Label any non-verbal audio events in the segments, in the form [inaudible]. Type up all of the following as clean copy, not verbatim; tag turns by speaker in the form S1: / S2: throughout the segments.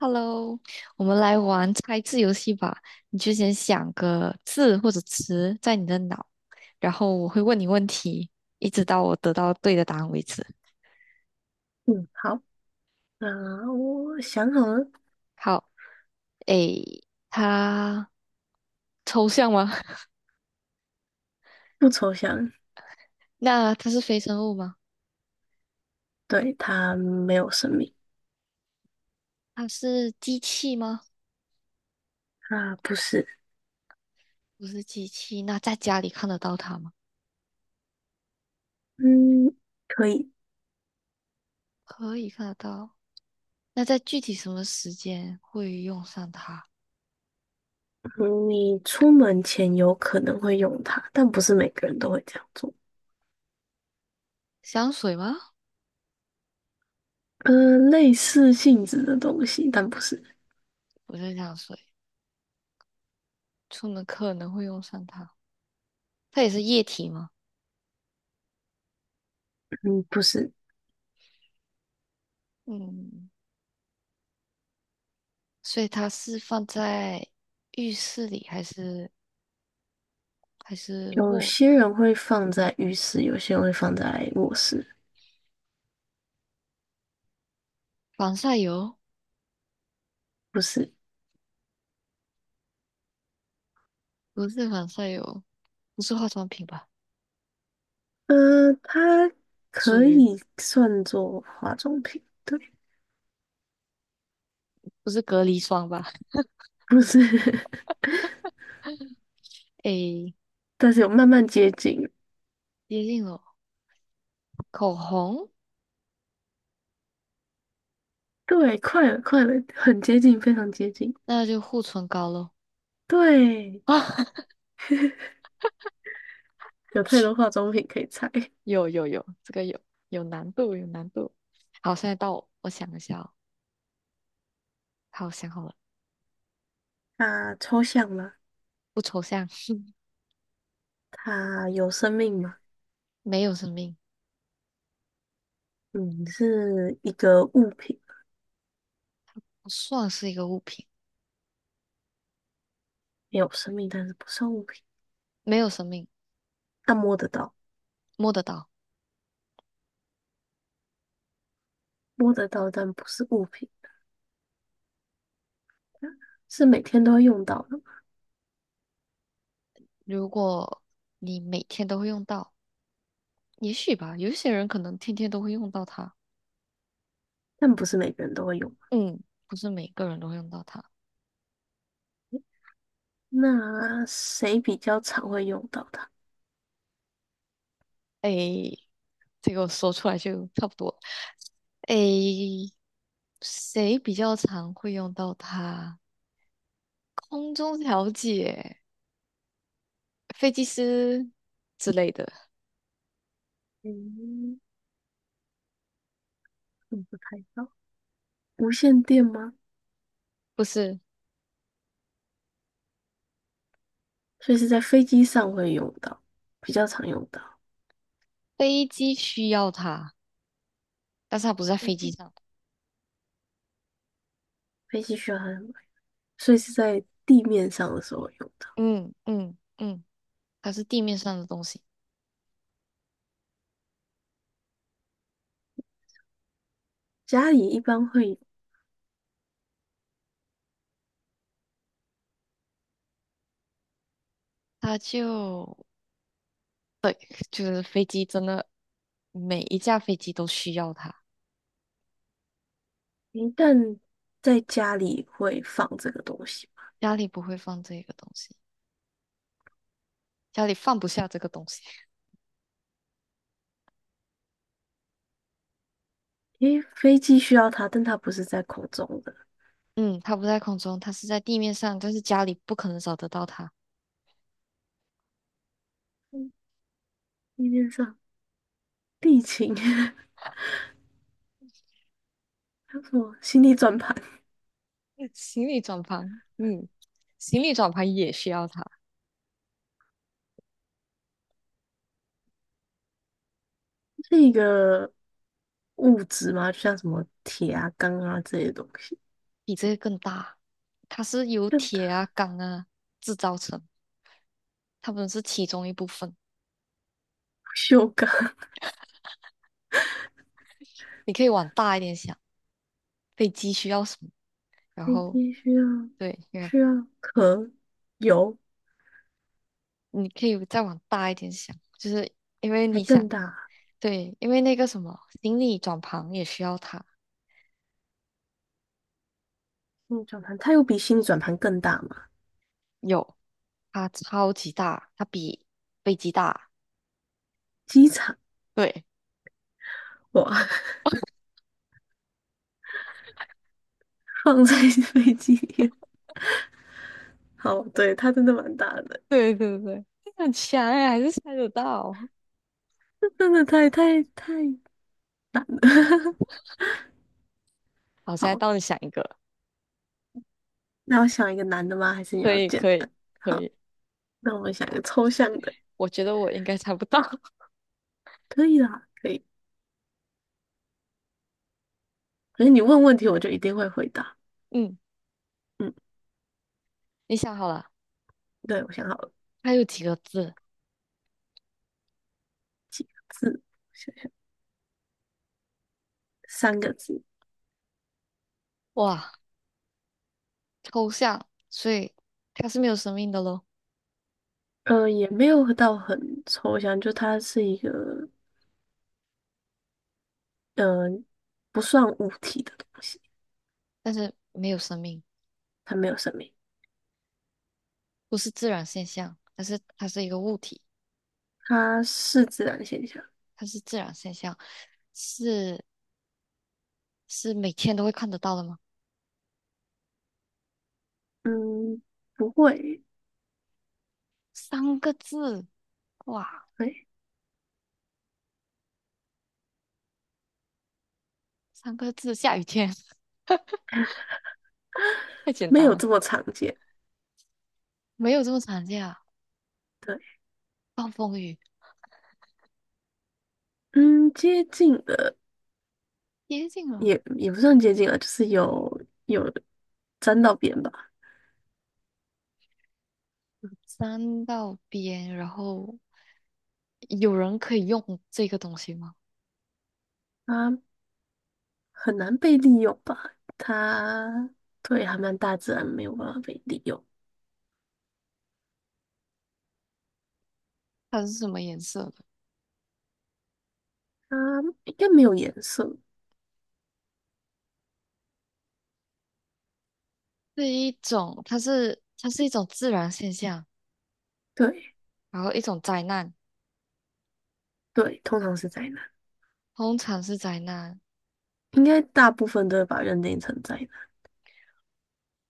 S1: Hello，我们来玩猜字游戏吧。你就先想个字或者词在你的脑，然后我会问你问题，一直到我得到对的答案为止。
S2: 嗯，好，那我想好了。
S1: 好，诶，它抽象吗？[laughs]
S2: 不抽象。
S1: 那它是非生物吗？
S2: 对，它没有生命。
S1: 它是机器吗？
S2: 啊，不是。
S1: 不是机器。那在家里看得到它吗？
S2: 嗯，可以。
S1: 可以看得到。那在具体什么时间会用上它？
S2: 嗯你出门前有可能会用它，但不是每个人都会这样做。
S1: 香水吗？
S2: 呃，类似性质的东西，但不是。
S1: 不是香水，出门可能会用上它。它也是液体吗？
S2: 嗯，不是。
S1: 嗯，所以它是放在浴室里还是
S2: 有
S1: 卧？
S2: 些人会放在浴室，有些人会放在卧室。
S1: 防晒油？
S2: 不是。
S1: 不是防晒油，不是化妆品吧？
S2: 呃，它
S1: 属
S2: 可
S1: 于
S2: 以算作化妆品，对。
S1: 不是隔离霜吧？
S2: 不是，[laughs]
S1: 诶，
S2: 但是有慢慢接近。
S1: 接近了，口红，
S2: 对，快了，快了，很接近，非常接近。
S1: 那就护唇膏喽。[laughs]
S2: 对，
S1: 啊，
S2: 有太多化妆品可以猜。[laughs]
S1: 有有有，这个有难度，有难度。好，现在到我，我想一下哦。好，想好了，
S2: 它抽象了？
S1: 不抽象，
S2: 它有生命吗？
S1: 没有生命，
S2: 嗯，是一个物品。
S1: 不算是一个物品，
S2: 没有生命，但是不算物品。
S1: 没有生命，
S2: 它摸得到。
S1: 摸得到。
S2: 摸得到，但不是物品。是每天都会用到的吗？
S1: 如果你每天都会用到，也许吧，有些人可能天天都会用到它，
S2: 但不是每个人都会用。
S1: 嗯，不是每个人都会用到它。
S2: 那谁比较常会用到它？
S1: 诶，这个我说出来就差不多了。诶，谁比较常会用到它？空中调节、飞机师之类的，
S2: 嗯，我不太知道。无线电吗？
S1: 不是，
S2: 所以是在飞机上会用到，比较常用到。
S1: 飞机需要它，但是它不是在
S2: 飞
S1: 飞机
S2: 机
S1: 上，
S2: 飞机需要它来，所以是在地面上的时候会用到。
S1: 嗯嗯嗯，它是地面上的东西，
S2: 家里一般会，
S1: 它就是飞机真的。每一架飞机都需要它。
S2: 一旦在家里会放这个东西吧。
S1: 家里不会放这个东西，家里放不下这个东西。[laughs]
S2: 因为飞机需要它，但它不是在空中的。
S1: 嗯，它不在空中，它是在地面上，但是家里不可能找得到它。
S2: 地面上地勤，[laughs]
S1: [laughs]
S2: 还有什么心力转盘，
S1: 行李转盘，嗯，行李转盘也需要它，
S2: 是一个物质吗？就像什么铁啊、钢啊这些东西。
S1: 比这个更大。它是由
S2: 更大？
S1: 铁啊、钢啊制造成，它们是其中一部分。
S2: 不锈钢，
S1: 你可以往大一点想，飞机需要什么？
S2: [laughs]
S1: 然
S2: 飞
S1: 后，
S2: 机需要
S1: 对，你看
S2: 壳、油，
S1: 你可以再往大一点想，就是因为
S2: 还
S1: 你
S2: 更
S1: 想
S2: 大。
S1: 对，因为那个什么行李转盘也需要它，
S2: 心力转盘，它有比心力转盘更大吗？
S1: 有，它超级大，它比飞机大。
S2: 机场，
S1: 对，
S2: 哇，[laughs] 放在飞机里面。好，对，它真的蛮大的，
S1: [laughs] 对对对，很强哎，还是猜得到。
S2: [laughs] 这真的太 [laughs]
S1: 好，现在
S2: 好。
S1: 到底想一个，
S2: 那我想一个难的吗？还是你
S1: 可
S2: 要
S1: 以
S2: 简
S1: 可以
S2: 单？
S1: 可
S2: 好，
S1: 以，
S2: 那我们想一个抽象的。
S1: 我觉得我应该猜不到。[laughs]
S2: 可以啦，可以。可是你问问题，我就一定会回答。
S1: 嗯，
S2: 嗯，
S1: 你想好了，
S2: 对，我想好了。
S1: 它有几个字？
S2: 几个字？想想，三个字。
S1: 哇，抽象，所以它是没有生命的咯，
S2: 呃，也没有到很抽象，就它是一个，呃，不算物体的东西。
S1: 但是没有生命，
S2: 它没有生命，
S1: 不是自然现象，但是它是一个物体，
S2: 它是自然现象。
S1: 它是自然现象，是是每天都会看得到的吗？
S2: 嗯，不会。
S1: 三个字，哇，
S2: 哎，
S1: 三个字，下雨天，[laughs] 太简
S2: 没
S1: 单
S2: 有
S1: 了，
S2: 这么常见。
S1: 没有这么常见啊。
S2: 对。
S1: 暴风雨
S2: 嗯，接近的，
S1: 接近了，
S2: 也不算接近了，就是有沾到边吧。
S1: 山道边，然后有人可以用这个东西吗？
S2: 啊。很难被利用吧？它对还蛮大自然没有办法被利用。
S1: 它是什么颜色的？
S2: 它应该没有颜色。
S1: 是一种，它是一种自然现象，
S2: 对
S1: 然后一种灾难，
S2: 对，通常是灾难。
S1: 通常是灾难。
S2: 应该大部分都会把认定成灾难。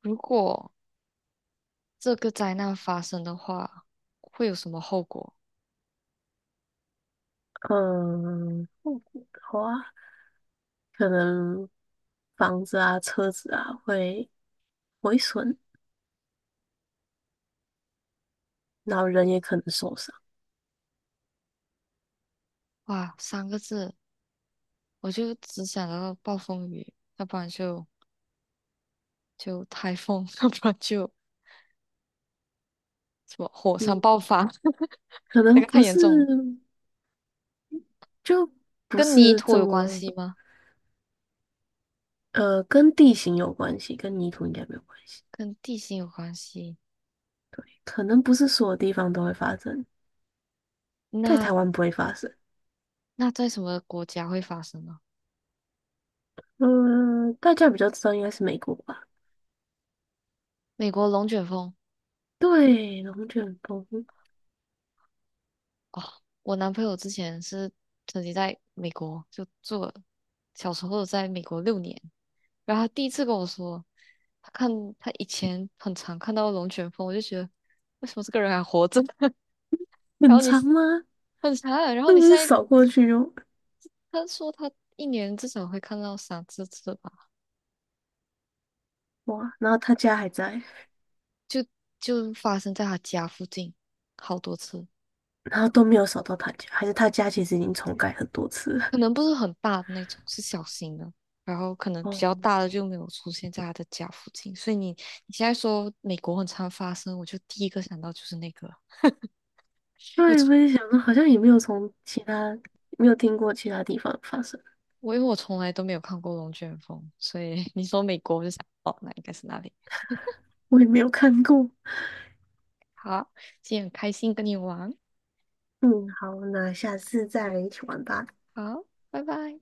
S1: 如果这个灾难发生的话，会有什么后果？
S2: 嗯，后果的话，可能房子啊、车子啊会毁损，然后人也可能受伤。
S1: 哇，三个字，我就只想到暴风雨，要不然就台风，[laughs] 要不然就什么火
S2: 嗯，
S1: 山爆发，
S2: 可
S1: [laughs] 那
S2: 能
S1: 个太
S2: 不
S1: 严
S2: 是。
S1: 重了。
S2: 就不
S1: 跟泥
S2: 是
S1: 土
S2: 这
S1: 有关
S2: 么，
S1: 系吗？
S2: 呃，跟地形有关系，跟泥土应该没有关系。
S1: 跟地形有关系。
S2: 可能不是所有地方都会发生，在
S1: 那
S2: 台湾不会发生。
S1: 那在什么国家会发生呢？
S2: 嗯，大家比较知道应该是美国吧？
S1: 美国龙卷风
S2: 对，龙卷风。
S1: 哦，我男朋友之前是曾经在美国就住了，小时候在美国6年，然后他第一次跟我说，他看他以前很常看到龙卷风，我就觉得为什么这个人还活着？[laughs] 然
S2: 很
S1: 后你
S2: 长吗？
S1: 很长。然后
S2: 那
S1: 你
S2: 不是
S1: 现在
S2: 扫过去就，
S1: 他说他1年至少会看到3、4次吧，
S2: 哇，然后他家还在，
S1: 就就发生在他家附近好多次，
S2: 然后都没有扫到他家，还是他家其实已经重盖很多次了。
S1: 可能不是很大的那种，是小型的。然后可能比较
S2: 哦，
S1: 大的就没有出现在他的家附近，所以你现在说美国很常发生，我就第一个想到就是那个，[laughs] 我
S2: 对，
S1: 从
S2: 我也想到，好像也没有从其他，没有听过其他地方发生。
S1: 因为我从来都没有看过龙卷风，所以你说美国我就想哦，那应该是那里。
S2: 我也没有看过。
S1: 好，今天很开心跟你玩，
S2: 嗯，好，那下次再一起玩吧。
S1: 好，拜拜。